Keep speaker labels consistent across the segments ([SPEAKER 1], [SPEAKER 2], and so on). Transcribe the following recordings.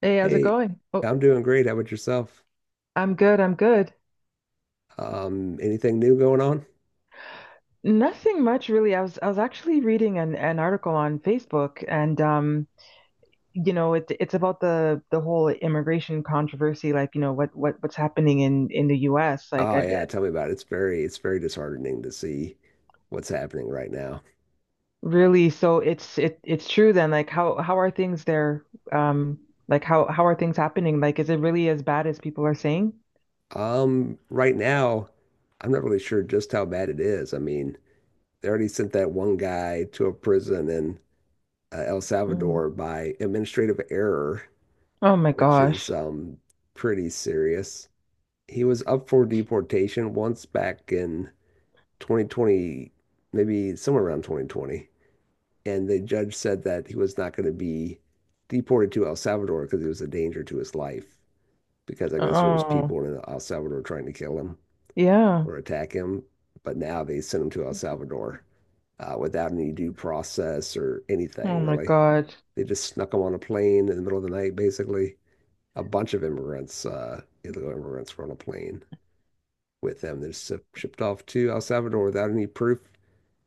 [SPEAKER 1] Hey, how's it
[SPEAKER 2] Hey,
[SPEAKER 1] going? Oh,
[SPEAKER 2] I'm doing great. How about yourself?
[SPEAKER 1] I'm good, I'm good.
[SPEAKER 2] Anything new going on?
[SPEAKER 1] Nothing much really. I was actually reading an article on Facebook and it's about the whole immigration controversy, like, you know, what's happening in the US.
[SPEAKER 2] Oh yeah, tell me about it. It's very disheartening to see what's happening right now.
[SPEAKER 1] Really, so it's true then, like how are things there? Um, like how are things happening? Like is it really as bad as people are saying?
[SPEAKER 2] Right now, I'm not really sure just how bad it is. I mean, they already sent that one guy to a prison in El
[SPEAKER 1] Mm.
[SPEAKER 2] Salvador by administrative error,
[SPEAKER 1] Oh my
[SPEAKER 2] which is
[SPEAKER 1] gosh.
[SPEAKER 2] pretty serious. He was up for deportation once back in 2020, maybe somewhere around 2020. And the judge said that he was not going to be deported to El Salvador because he was a danger to his life. Because I guess there was
[SPEAKER 1] Oh,
[SPEAKER 2] people in El Salvador trying to kill him
[SPEAKER 1] yeah.
[SPEAKER 2] or attack him, but now they sent him to El Salvador without any due process or
[SPEAKER 1] Oh
[SPEAKER 2] anything
[SPEAKER 1] my
[SPEAKER 2] really.
[SPEAKER 1] God.
[SPEAKER 2] They just snuck him on a plane in the middle of the night, basically. A bunch of immigrants, illegal immigrants, were on a plane with them. They're shipped off to El Salvador without any proof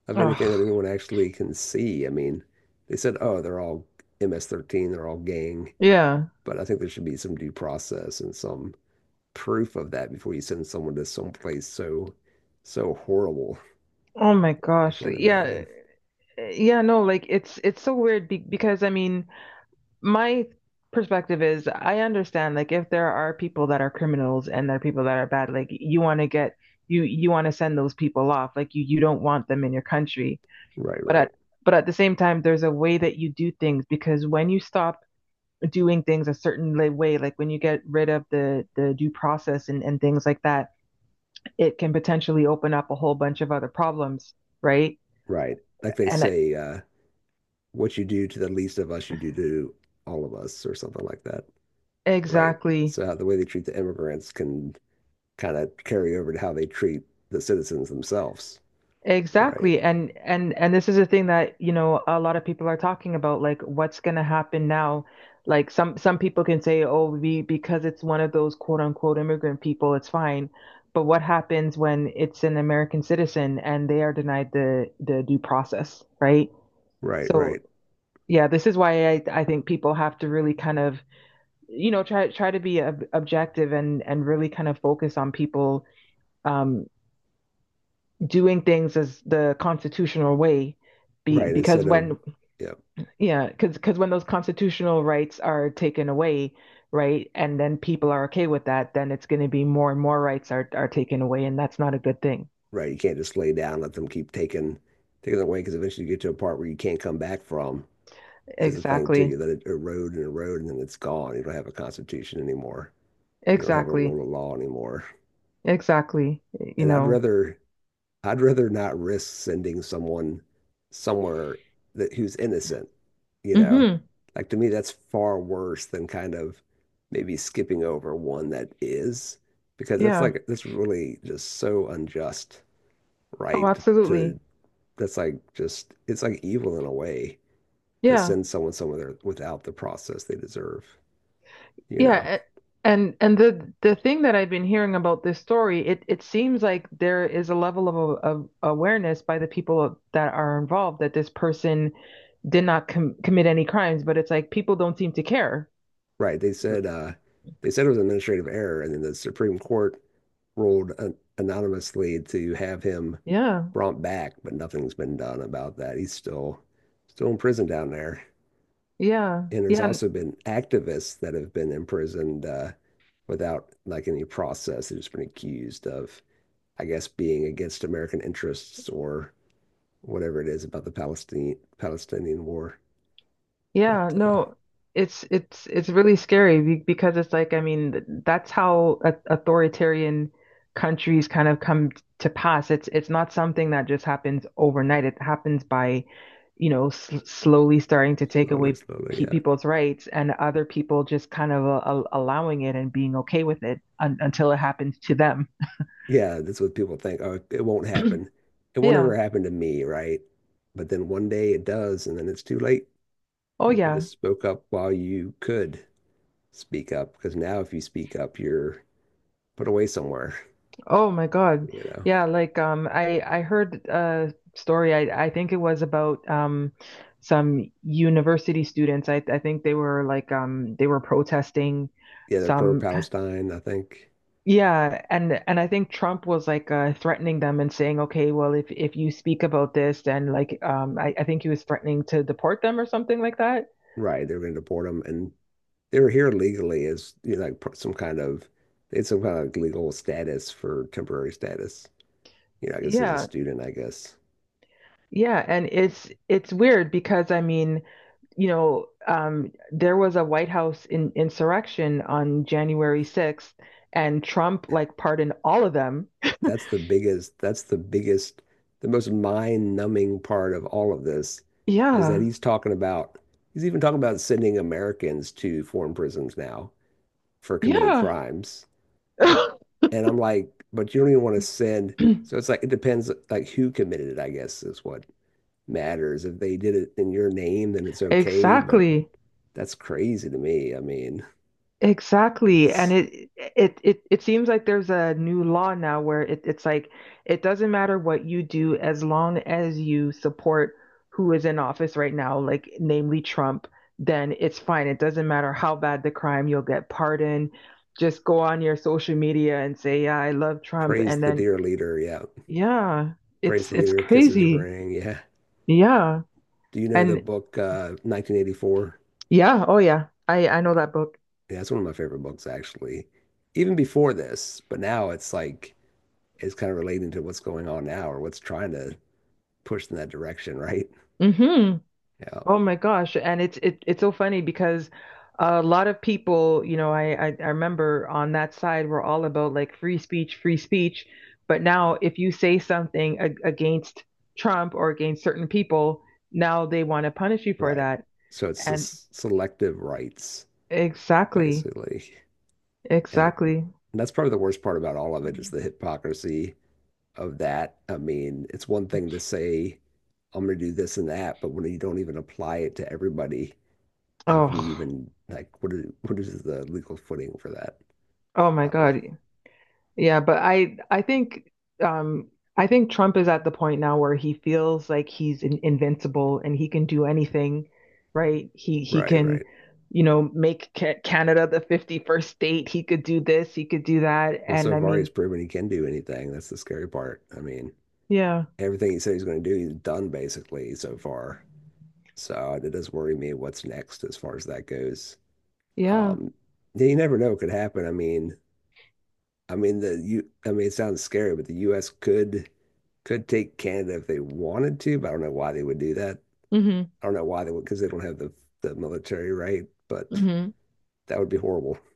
[SPEAKER 2] of anything
[SPEAKER 1] Ugh.
[SPEAKER 2] that anyone actually can see. I mean, they said, oh, they're all MS-13, they're all gang,
[SPEAKER 1] Yeah.
[SPEAKER 2] but I think there should be some due process and some proof of that before you send someone to some place so horrible.
[SPEAKER 1] Oh my
[SPEAKER 2] I
[SPEAKER 1] gosh.
[SPEAKER 2] can't
[SPEAKER 1] Yeah.
[SPEAKER 2] imagine.
[SPEAKER 1] Yeah, no, like it's so weird be because I mean, my perspective is I understand like if there are people that are criminals and there are people that are bad, like you want to get you want to send those people off. Like you don't want them in your country.
[SPEAKER 2] Right,
[SPEAKER 1] But
[SPEAKER 2] right,
[SPEAKER 1] at but at the same time, there's a way that you do things because when you stop doing things a way, like when you get rid of the due process and things like that, it can potentially open up a whole bunch of other problems, right?
[SPEAKER 2] right. Like they
[SPEAKER 1] And
[SPEAKER 2] say, what you do to the least of us, you do to all of us, or something like that. Right.
[SPEAKER 1] exactly.
[SPEAKER 2] So the way they treat the immigrants can kind of carry over to how they treat the citizens themselves. Right,
[SPEAKER 1] Exactly. And this is a thing that, you know, a lot of people are talking about, like what's going to happen now. Like some people can say, "Oh, we because it's one of those quote unquote immigrant people, it's fine." But what happens when it's an American citizen and they are denied the due process, right?
[SPEAKER 2] right,
[SPEAKER 1] So,
[SPEAKER 2] right.
[SPEAKER 1] yeah, this is why I think people have to really kind of, you know, try to be ob objective and really kind of focus on people um doing things as the constitutional way
[SPEAKER 2] Right,
[SPEAKER 1] because
[SPEAKER 2] instead of,
[SPEAKER 1] when
[SPEAKER 2] yeah,
[SPEAKER 1] yeah because when those constitutional rights are taken away right and then people are okay with that, then it's going to be more and more rights are taken away, and that's not a good thing.
[SPEAKER 2] right. You can't just lay down, let them keep taking it away because eventually you get to a part where you can't come back from is the thing too.
[SPEAKER 1] Exactly.
[SPEAKER 2] You let it erode and erode and then it's gone. You don't have a constitution anymore. You don't have a
[SPEAKER 1] Exactly.
[SPEAKER 2] rule of law anymore.
[SPEAKER 1] Exactly. You
[SPEAKER 2] And I'd
[SPEAKER 1] know.
[SPEAKER 2] rather I'd rather not risk sending someone somewhere that who's innocent, you know.
[SPEAKER 1] Mhm.
[SPEAKER 2] Like to me, that's far worse than kind of maybe skipping over one that is, because that's
[SPEAKER 1] Yeah.
[SPEAKER 2] like that's really just so unjust
[SPEAKER 1] Oh,
[SPEAKER 2] right
[SPEAKER 1] absolutely.
[SPEAKER 2] to that's like just it's like evil in a way to
[SPEAKER 1] Yeah.
[SPEAKER 2] send someone somewhere without the process they deserve, you know.
[SPEAKER 1] Yeah, a- and the thing that I've been hearing about this story, it seems like there is a level of awareness by the people that are involved that this person did not commit any crimes, but it's like people don't seem to care.
[SPEAKER 2] Right. They said they said it was an administrative error and then the Supreme Court ruled an anonymously to have him
[SPEAKER 1] Yeah,
[SPEAKER 2] brought back, but nothing's been done about that. He's still in prison down there.
[SPEAKER 1] yeah,
[SPEAKER 2] And there's
[SPEAKER 1] yeah.
[SPEAKER 2] also been activists that have been imprisoned without like any process. They've just been accused of, I guess, being against American interests or whatever it is about the Palestinian war.
[SPEAKER 1] Yeah,
[SPEAKER 2] But
[SPEAKER 1] no, it's really scary because it's like I mean that's how a authoritarian countries kind of to pass. It's not something that just happens overnight. It happens by, you know, sl slowly starting to take
[SPEAKER 2] slowly,
[SPEAKER 1] away
[SPEAKER 2] slowly,
[SPEAKER 1] pe
[SPEAKER 2] yeah,
[SPEAKER 1] people's rights, and other people just kind of allowing it and being okay with it un until it happens to them.
[SPEAKER 2] yeah, that's what people think. Oh, it won't happen. It won't
[SPEAKER 1] Yeah.
[SPEAKER 2] ever happen to me, right? But then one day it does, and then it's too late.
[SPEAKER 1] Oh
[SPEAKER 2] You should have
[SPEAKER 1] yeah.
[SPEAKER 2] spoke up while you could speak up, because now if you speak up, you're put away somewhere.
[SPEAKER 1] Oh my God.
[SPEAKER 2] You know,
[SPEAKER 1] Yeah, like I heard a story. I think it was about some university students. I think they were like they were protesting
[SPEAKER 2] yeah, they're
[SPEAKER 1] some
[SPEAKER 2] pro-Palestine, I think.
[SPEAKER 1] yeah, and I think Trump was like threatening them and saying, "Okay, well if you speak about this, then like I think he was threatening to deport them or something like that."
[SPEAKER 2] Right, they're going to deport them, and they were here legally as you know, like some kind of they had some kind of legal status for temporary status. You know, I guess as a
[SPEAKER 1] Yeah.
[SPEAKER 2] student, I guess
[SPEAKER 1] Yeah, and it's weird because I mean you know, there was a White House insurrection on January 6th, and Trump like pardoned all of them.
[SPEAKER 2] that's the biggest, the most mind-numbing part of all of this is that
[SPEAKER 1] Yeah,
[SPEAKER 2] he's talking about, he's even talking about sending Americans to foreign prisons now for committing
[SPEAKER 1] yeah,
[SPEAKER 2] crimes. And I'm like, but you don't even want to send, so it's like, it depends like who committed it, I guess is what matters. If they did it in your name, then it's okay, but
[SPEAKER 1] exactly.
[SPEAKER 2] that's crazy to me. I mean,
[SPEAKER 1] Exactly. And
[SPEAKER 2] it's
[SPEAKER 1] it seems like there's a new law now where it's like it doesn't matter what you do as long as you support who is in office right now, like namely Trump, then it's fine. It doesn't matter how bad the crime, you'll get pardoned. Just go on your social media and say, "Yeah, I love Trump."
[SPEAKER 2] praise
[SPEAKER 1] And
[SPEAKER 2] the
[SPEAKER 1] then
[SPEAKER 2] dear leader. Yeah.
[SPEAKER 1] yeah,
[SPEAKER 2] Praise
[SPEAKER 1] it's
[SPEAKER 2] the
[SPEAKER 1] it's
[SPEAKER 2] leader, kisses
[SPEAKER 1] crazy.
[SPEAKER 2] ring. Yeah.
[SPEAKER 1] Yeah.
[SPEAKER 2] Do you know the
[SPEAKER 1] And
[SPEAKER 2] book 1984?
[SPEAKER 1] yeah, oh yeah. I know that book.
[SPEAKER 2] Yeah, that's one of my favorite books, actually. Even before this, but now it's like it's kind of relating to what's going on now or what's trying to push in that direction, right?
[SPEAKER 1] Hmm.
[SPEAKER 2] Yeah,
[SPEAKER 1] Oh my gosh. And it's so funny because a lot of people, you know, I remember on that side were all about like free speech, free speech. But now if you say something ag against Trump or against certain people, now they want to punish you for
[SPEAKER 2] right.
[SPEAKER 1] that.
[SPEAKER 2] So it's
[SPEAKER 1] And
[SPEAKER 2] just selective rights,
[SPEAKER 1] exactly,
[SPEAKER 2] basically. And
[SPEAKER 1] exactly.
[SPEAKER 2] that's probably the worst part about all of it is the hypocrisy of that. I mean, it's one thing to say, I'm going to do this and that, but when you don't even apply it to everybody, how can you
[SPEAKER 1] Oh,
[SPEAKER 2] even like what is the legal footing for that?
[SPEAKER 1] oh my
[SPEAKER 2] I don't know.
[SPEAKER 1] God. Yeah, but I think um I think Trump is at the point now where he feels like he's invincible and he can do anything, right? He
[SPEAKER 2] Right,
[SPEAKER 1] can,
[SPEAKER 2] right.
[SPEAKER 1] you know, make ca Canada the 51st state. He could do this, he could do that.
[SPEAKER 2] Well,
[SPEAKER 1] And
[SPEAKER 2] so
[SPEAKER 1] I
[SPEAKER 2] far he's
[SPEAKER 1] mean,
[SPEAKER 2] proven he can do anything. That's the scary part. I mean,
[SPEAKER 1] yeah.
[SPEAKER 2] everything he said he's going to do, he's done basically so far. So it does worry me what's next as far as that goes.
[SPEAKER 1] Yeah.
[SPEAKER 2] Um, yeah, you never know what could happen. I mean the you. I mean, it sounds scary, but the U.S. could take Canada if they wanted to, but I don't know why they would do that.
[SPEAKER 1] Hmm.
[SPEAKER 2] I don't know why they would because they don't have the military right, but
[SPEAKER 1] Hmm.
[SPEAKER 2] that would be horrible.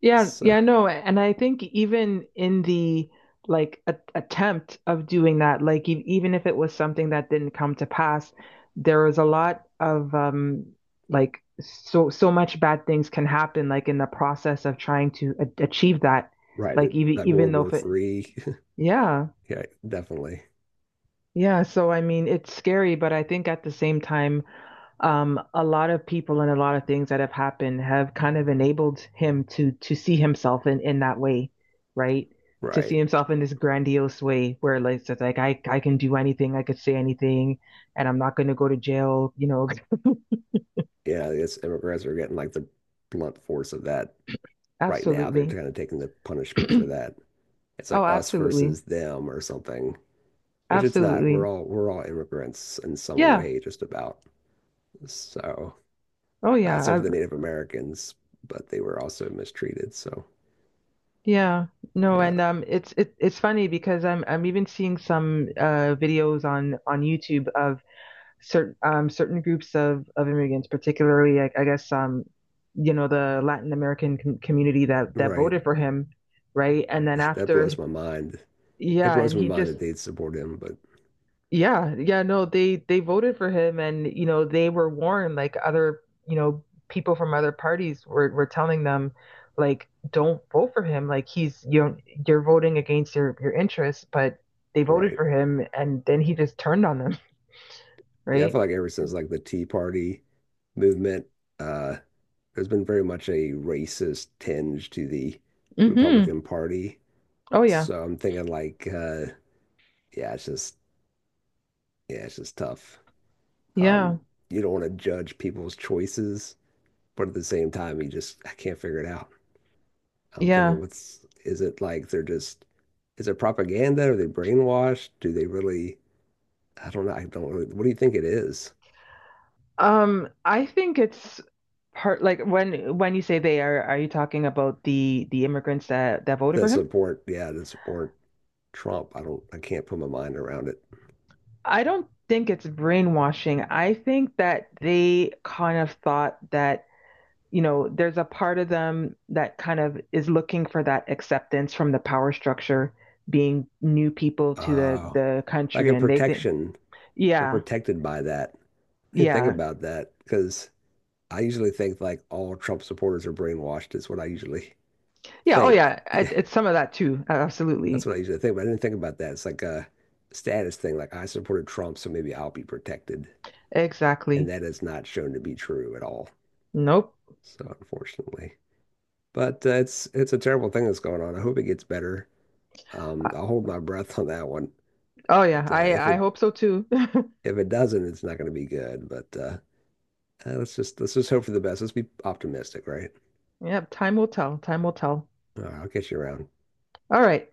[SPEAKER 1] Yeah,
[SPEAKER 2] So
[SPEAKER 1] yeah, no, and I think even in the like a attempt of doing that, like e even if it was something that didn't come to pass, there was a lot of like so so much bad things can happen like in the process of trying to a achieve that.
[SPEAKER 2] Right,
[SPEAKER 1] Like
[SPEAKER 2] that
[SPEAKER 1] even
[SPEAKER 2] like
[SPEAKER 1] even
[SPEAKER 2] World
[SPEAKER 1] though
[SPEAKER 2] War
[SPEAKER 1] if it
[SPEAKER 2] Three.
[SPEAKER 1] yeah.
[SPEAKER 2] Yeah, definitely.
[SPEAKER 1] Yeah, so I mean it's scary, but I think at the same time a lot of people and a lot of things that have happened have kind of enabled him to see himself in that way, right? To see
[SPEAKER 2] Right.
[SPEAKER 1] himself in this grandiose way where like it's like I can do anything, I could say anything, and I'm not going to go to jail, you know.
[SPEAKER 2] Yeah, I guess immigrants are getting like the blunt force of that right now. They're
[SPEAKER 1] Absolutely.
[SPEAKER 2] kind of taking the punishment for that. It's like
[SPEAKER 1] Oh,
[SPEAKER 2] us
[SPEAKER 1] absolutely.
[SPEAKER 2] versus them or something, which it's not. We're
[SPEAKER 1] Absolutely.
[SPEAKER 2] all we're all immigrants in some
[SPEAKER 1] Yeah.
[SPEAKER 2] way, just about. So,
[SPEAKER 1] Oh yeah.
[SPEAKER 2] except for the Native Americans, but they were also mistreated. So,
[SPEAKER 1] Yeah. No,
[SPEAKER 2] yeah,
[SPEAKER 1] and it's funny because I'm even seeing some videos on YouTube of certain certain groups of immigrants, particularly I guess you know, the Latin American community that that
[SPEAKER 2] right.
[SPEAKER 1] voted for him, right? And then
[SPEAKER 2] That blows
[SPEAKER 1] after,
[SPEAKER 2] my mind. It
[SPEAKER 1] yeah,
[SPEAKER 2] blows
[SPEAKER 1] and
[SPEAKER 2] my
[SPEAKER 1] he
[SPEAKER 2] mind
[SPEAKER 1] just
[SPEAKER 2] that they'd support him, but
[SPEAKER 1] yeah yeah no they they voted for him, and you know they were warned like other you know people from other parties were telling them like don't vote for him like he's you know, you're voting against your interests, but they voted
[SPEAKER 2] right.
[SPEAKER 1] for him, and then he just turned on them,
[SPEAKER 2] Yeah, I
[SPEAKER 1] right?
[SPEAKER 2] feel like ever since like the Tea Party movement, uh, there's been very much a racist tinge to the
[SPEAKER 1] Mm-hmm.
[SPEAKER 2] Republican Party.
[SPEAKER 1] Oh yeah,
[SPEAKER 2] So I'm thinking like, yeah, it's just yeah, it's just tough.
[SPEAKER 1] yeah.
[SPEAKER 2] Um, you don't want to judge people's choices, but at the same time, you just I can't figure it out. I'm thinking,
[SPEAKER 1] Yeah.
[SPEAKER 2] what's is it like they're just is it propaganda? Are they brainwashed? Do they really? I don't know. I don't really. What do you think it is?
[SPEAKER 1] I think it's part like when you say they are you talking about the immigrants that that voted
[SPEAKER 2] That
[SPEAKER 1] for him?
[SPEAKER 2] support, yeah, that support Trump. I don't, I can't put my mind around it.
[SPEAKER 1] I don't think it's brainwashing. I think that they kind of thought that, you know, there's a part of them that kind of is looking for that acceptance from the power structure, being new people to the
[SPEAKER 2] Uh,
[SPEAKER 1] the
[SPEAKER 2] like
[SPEAKER 1] country,
[SPEAKER 2] a
[SPEAKER 1] and they think,
[SPEAKER 2] protection, they're
[SPEAKER 1] yeah,
[SPEAKER 2] protected by that. I didn't think
[SPEAKER 1] yeah,
[SPEAKER 2] about that because I usually think like all Trump supporters are brainwashed. Is what I usually
[SPEAKER 1] yeah, oh
[SPEAKER 2] think.
[SPEAKER 1] yeah,
[SPEAKER 2] Yeah,
[SPEAKER 1] it's some of that too,
[SPEAKER 2] that's
[SPEAKER 1] absolutely,
[SPEAKER 2] what I usually think. But I didn't think about that. It's like a status thing. Like I supported Trump, so maybe I'll be protected, and
[SPEAKER 1] exactly.
[SPEAKER 2] that is not shown to be true at all.
[SPEAKER 1] Nope.
[SPEAKER 2] So unfortunately, but it's a terrible thing that's going on. I hope it gets better. I'll hold my breath on that one.
[SPEAKER 1] Oh
[SPEAKER 2] But
[SPEAKER 1] yeah, I I hope so too.
[SPEAKER 2] if it doesn't, it's not going to be good. But let's just hope for the best. Let's be optimistic, right?
[SPEAKER 1] Yeah, time will tell. Time will tell.
[SPEAKER 2] I'll catch you around.
[SPEAKER 1] All right.